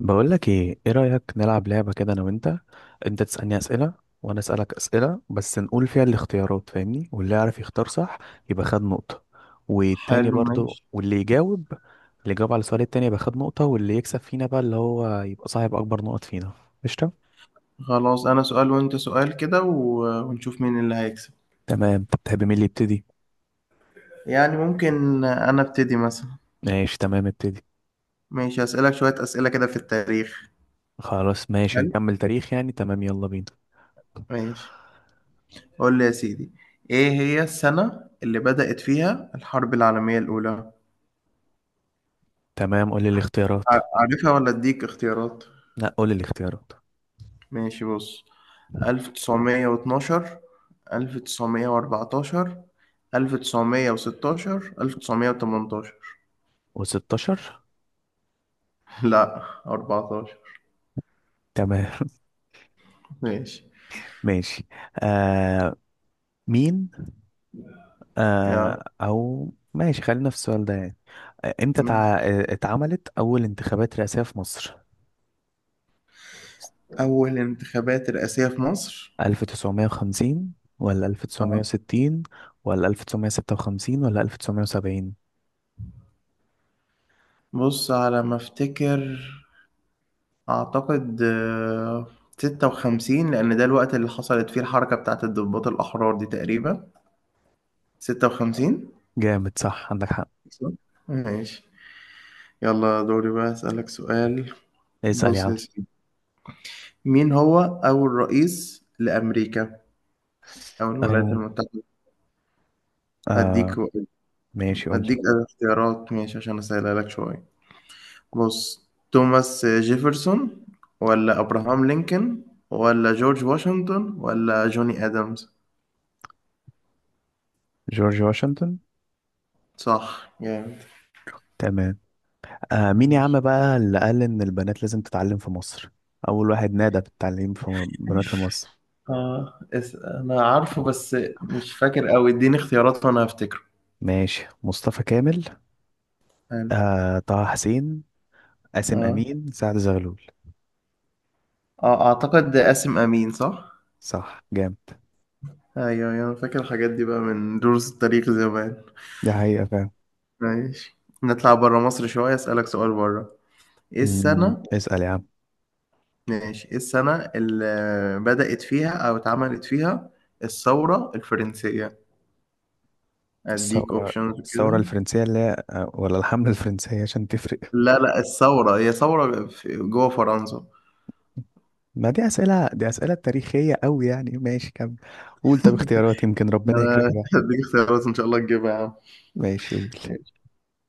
بقول لك ايه، ايه رأيك نلعب لعبة كده انا وانت. انت تسألني أسئلة، وانا أسألك أسئلة بس نقول فيها الاختيارات، فاهمني؟ واللي يعرف يختار صح يبقى خد نقطة، والتاني حلو، برضو ماشي، واللي يجاوب. اللي يجاوب على السؤال التاني يبقى خد نقطة، واللي يكسب فينا بقى اللي هو يبقى صاحب اكبر نقط فينا. قشطة. خلاص. انا سؤال وانت سؤال كده ونشوف مين اللي هيكسب. تمام، تحب مين اللي يبتدي؟ يعني ممكن انا ابتدي مثلا. ماشي تمام ابتدي. ماشي، هسألك شوية أسئلة كده في التاريخ. خلاص ماشي حلو، نكمل تاريخ يعني، تمام يلا بينا. ماشي. قول لي يا سيدي: ايه هي السنة اللي بدأت فيها الحرب العالمية الأولى؟ تمام قول لي الاختيارات. عارفها ولا اديك اختيارات؟ لا قول لي الاختيارات. ماشي، بص: 1912، 1914، 1916، 1918. و16. لا، 14. تمام. ماشي ماشي. آه مين؟ آه او ماشي خلينا في السؤال ده يعني. امتى ماشي. تع... آه، اتعملت اول انتخابات رئاسية في مصر؟ أول انتخابات رئاسية في مصر؟ 1950 ولا آه. 1960 ولا 1956 ولا 1970؟ بص، على ما أفتكر أعتقد 56، لأن ده الوقت اللي حصلت فيه الحركة بتاعة الضباط الأحرار دي تقريبا. 56. جامد صح عندك حق. صح؟ ماشي. يلا دوري بقى أسألك سؤال. اسأل يا بص عم. يا سيدي: مين هو أول رئيس لأمريكا أو الولايات أو المتحدة؟ أديك. آه ماشي قول لي. أديك اختيارات ماشي عشان أسهلها لك شوية. بص: توماس جيفرسون، ولا ابراهام لينكولن، ولا جورج واشنطن، ولا جوني ادمز؟ جورج واشنطن. صح جامد. تمام. مين يا عم بقى اللي قال إن البنات لازم تتعلم في مصر؟ أول واحد نادى بالتعليم في بنات لمصر. انا عارفه بس مش فاكر قوي، اديني اختيارات وانا هفتكره. ماشي، مصطفى كامل، حلو. طه حسين، قاسم اه امين، سعد زغلول. اه، اعتقد قاسم امين. صح؟ صح جامد. ايوه ايوه، انا فاكر الحاجات دي بقى من دروس التاريخ زمان. ده حقيقة فعلا. ماشي. نطلع بره مصر شويه اسالك سؤال بره. ايه السنه اسأل يا عم. ماشي، ايه السنه اللي بدأت فيها او اتعملت فيها الثوره الفرنسيه؟ اديك الثورة اوبشنز الثورة كده. الفرنسية اللي هي، ولا الحملة الفرنسية عشان تفرق. لا لا، الثوره هي ثوره جوه فرنسا. ما دي أسئلة تاريخية أوي يعني، ماشي كم. قول طب اختيارات يمكن ربنا أنا يكرمك بقى. هديك اختيارات ان شاء الله تجيبها يا عم. ماشي قول. ماشي.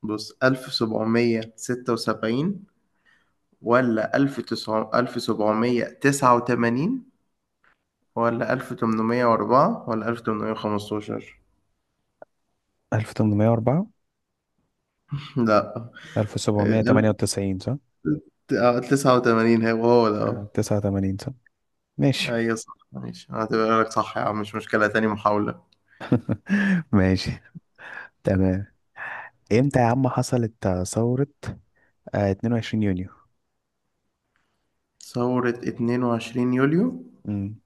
بص: 1776، ولا 1789، ولا 1804، ولا 1815؟ 1804، لا. آه، 1798 صح؟ 1089، هو هو ده. آه. 89 صح؟ ماشي. ايوه صح ماشي، هعتبرها لك صح يا عم، مش مشكلة، تاني محاولة. ماشي تمام. امتى يا عم حصلت، ثورة 22 يونيو؟ ثورة 22 يوليو. مم.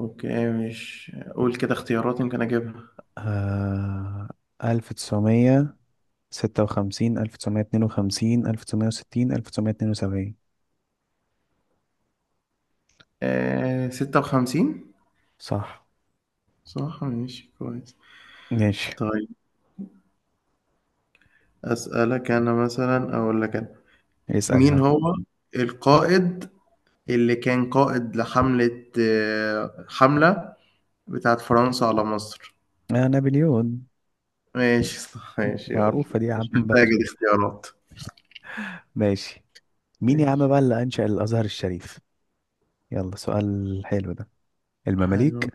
اوكي، مش قول كده اختيارات يمكن اجيبها. آه... 1956، 1952، 1960، 1972؟ 56. صح صح ماشي كويس. ماشي. طيب، اسألك انا مثلا، اقول لك انا: اسأل يا مين عم. هو القائد اللي كان قائد لحملة آه، حملة بتاعت فرنسا على مصر؟ آه نابليون. ماشي صح ماشي، يلا معروفة دي يا عم مش بقى. محتاج الاختيارات. ماشي. مين يا ماشي عم بقى اللي أنشأ الأزهر الشريف؟ يلا سؤال حلو ده. حلو. المماليك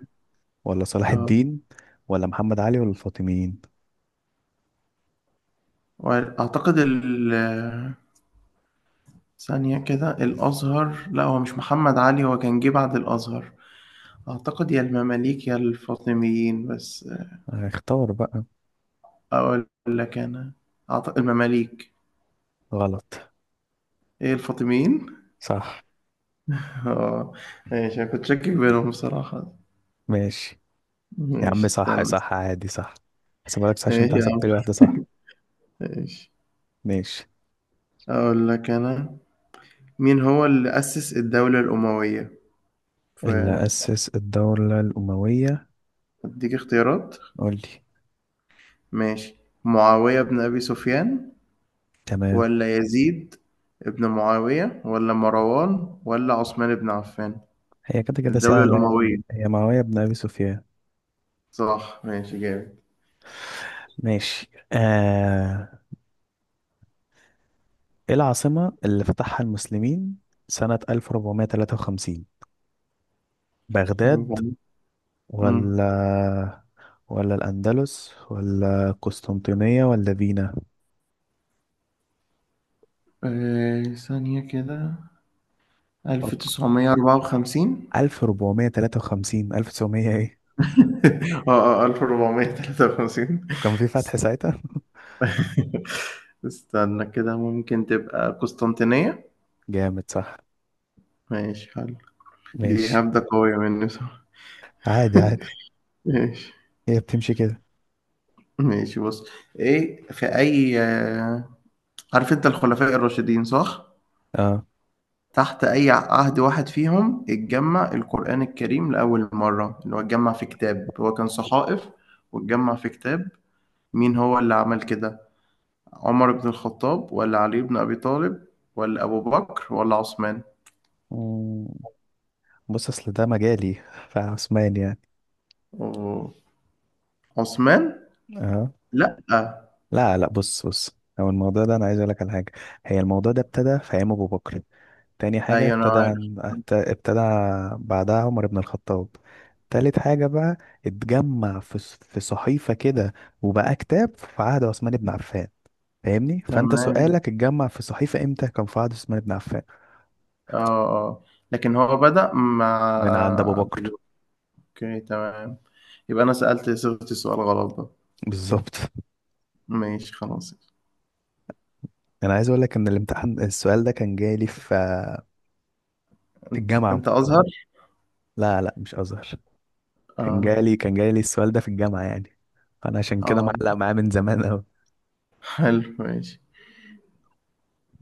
ولا صلاح اه، الدين ولا محمد علي ولا الفاطميين؟ واعتقد ال آه، ثانية كده، الازهر لا، هو مش محمد علي، هو كان جه بعد الازهر. أعتقد يا المماليك يا الفاطميين بس. اختار بقى. أقول لك أنا: أعتقد المماليك. غلط. إيه، الفاطميين؟ صح. آه، ماشي، أنا كنت شاكك بينهم بصراحة. ماشي يا ماشي، عم، صح استنى. صح عادي صح. هسيبها لك صح عشان ماشي انت يا عم، حسبت لي واحدة صح. ماشي. ماشي. أقول لك أنا: مين هو اللي أسس الدولة الأموية؟ اللي فأديك أسس الدولة الأموية. اختيارات قول لي. ماشي: معاوية بن أبي سفيان، تمام. ولا يزيد ابن معاوية، ولا مروان، ولا عثمان بن عفان؟ هي كده كده الدولة سهلة الأموية. يعني، هي معاوية بن أبي سفيان. صح ماشي ماشي آه. إيه العاصمة اللي فتحها المسلمين سنة 1453؟ بغداد جامد. امم ولا ولا الأندلس ولا قسطنطينية ولا فينا؟ ثانية كده، فك. 1954. 1453، 1900 إيه. اه اه 1453. وكان في فتح است- ساعتها. استنى كده، ممكن تبقى قسطنطينية. جامد صح. ماشي حلو. دي ماشي. هبدة قوية مني بصراحة. عادي عادي. ماشي هي بتمشي كده. ماشي. بص: ايه في اي آه، عارف انت الخلفاء الراشدين صح؟ تحت اي عهد واحد فيهم اتجمع القرآن الكريم لأول مرة، اللي هو اتجمع في كتاب هو كان صحائف واتجمع في كتاب، مين هو اللي عمل كده؟ عمر بن الخطاب، ولا علي بن أبي طالب، ولا أبو بكر، ولا عثمان؟ اه بص اصل ده مجالي، فعثمان يعني. أوه. عثمان. اه لأ. لا لا بص بص هو الموضوع ده انا عايز اقول لك على حاجه. هي الموضوع ده ابتدى في ايام ابو بكر. تاني حاجه أيوة أنا عارف. ابتدى بعدها عمر بن الخطاب. تالت حاجه بقى اتجمع في صحيفه كده، وبقى كتاب في عهد عثمان بن عفان. فاهمني، فانت تمام. سؤالك اتجمع في صحيفه امتى كان في عهد عثمان بن عفان. اه آه. لكن هو بدأ مع من عند ابو أبو بكر. بكر. أوكي تمام. يبقى أنا سألت صيغة السؤال غلط ده. بالظبط. ماشي خلاص. انا عايز اقول لك ان الامتحان، السؤال ده كان جاي لي في الجامعه. أنت أزهر؟ لا لا مش أزهر. كان اه جالي كان جالي السؤال ده في الجامعة يعني. فأنا عشان كده اه. معلق معاه من زمان أوي. حلو ماشي.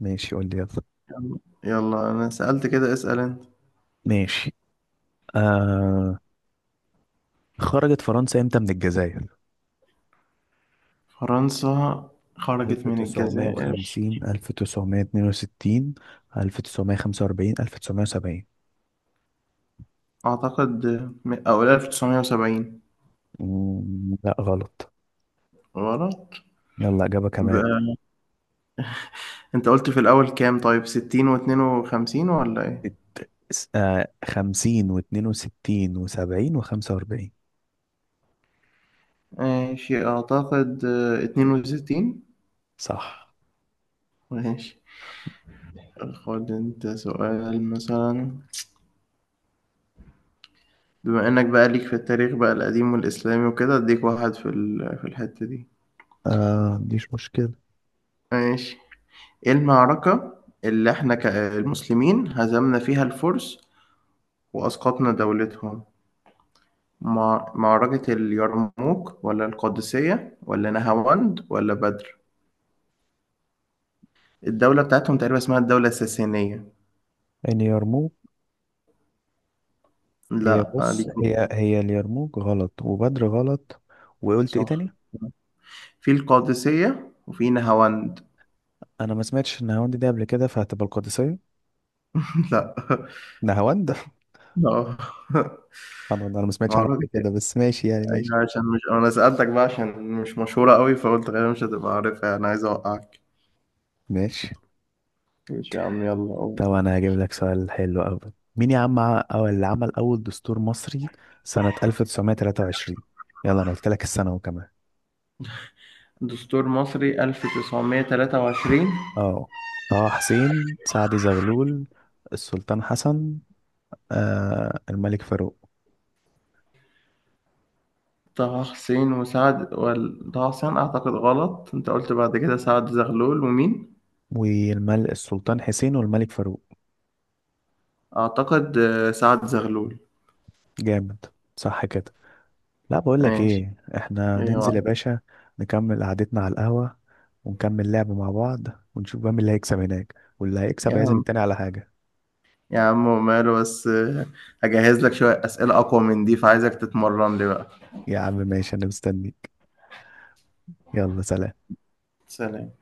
ماشي قول لي يلا. يلا. يلا، أنا سألت كده، اسأل أنت. ماشي. آه خرجت فرنسا امتى من الجزائر؟ فرنسا خرجت من الجزائر. 1950، 1962، 1945، 1970؟ أعتقد أو 1970. لا غلط. غلط. يلا إجابة كمان. يبقى انت قلت في الأول كام؟ طيب 60 واتنين وخمسين ولا ايه؟ 50 و62 و70 و45. ماشي أعتقد 62. صح. ماشي. خد انت سؤال مثلا، بما انك بقى ليك في التاريخ بقى القديم والإسلامي وكده، اديك واحد في الحتة دي. مفيش مشكلة. ماشي. ايه المعركة اللي احنا كمسلمين هزمنا فيها الفرس وأسقطنا دولتهم؟ معركة اليرموك، ولا القادسية، ولا نهاوند، ولا بدر؟ الدولة بتاعتهم تقريبا اسمها الدولة الساسانية. يعني يرموك. هي لا. بص ليك. هي اليرموك غلط وبدر غلط. وقلت ايه صح، تاني. في القادسية وفي نهاوند. انا ما سمعتش النهاوند دي قبل كده فهتبقى القادسية. لا. نهاوند. اه انا ما سمعتش عنها معركة قبل كده بس ماشي يعني ماشي. أيوة، عشان مش، أنا سألتك بقى عشان مش مشهورة قوي، فقلت غالبا مش هتبقى عارفها، أنا عايز أوقعك. ماشي. ماشي يا عم، يلا قوم. طب انا هجيب لك سؤال حلو قوي. مين يا عم، او اللي عمل اول دستور مصري سنة 1923؟ يلا انا قلت لك السنة وكمان. دستور مصري 1923. اه طه حسين، سعد زغلول، السلطان حسن، الملك فاروق. طه حسين أعتقد غلط، أنت قلت بعد كده سعد زغلول ومين؟ والملك السلطان حسين والملك فاروق. أعتقد سعد زغلول. جامد. صح كده. لا بقول لك ماشي. ايه احنا ننزل يا أيوة. باشا. نكمل قعدتنا على القهوة ونكمل لعب مع بعض ونشوف بقى مين اللي هيكسب هناك، واللي هيكسب يا هيعزم عم التاني على حاجة. يا عم، وماله بس، هجهز لك شوية أسئلة أقوى من دي فعايزك تتمرن لي بقى. يا عم ماشي انا مستنيك يلا سلام. سلام.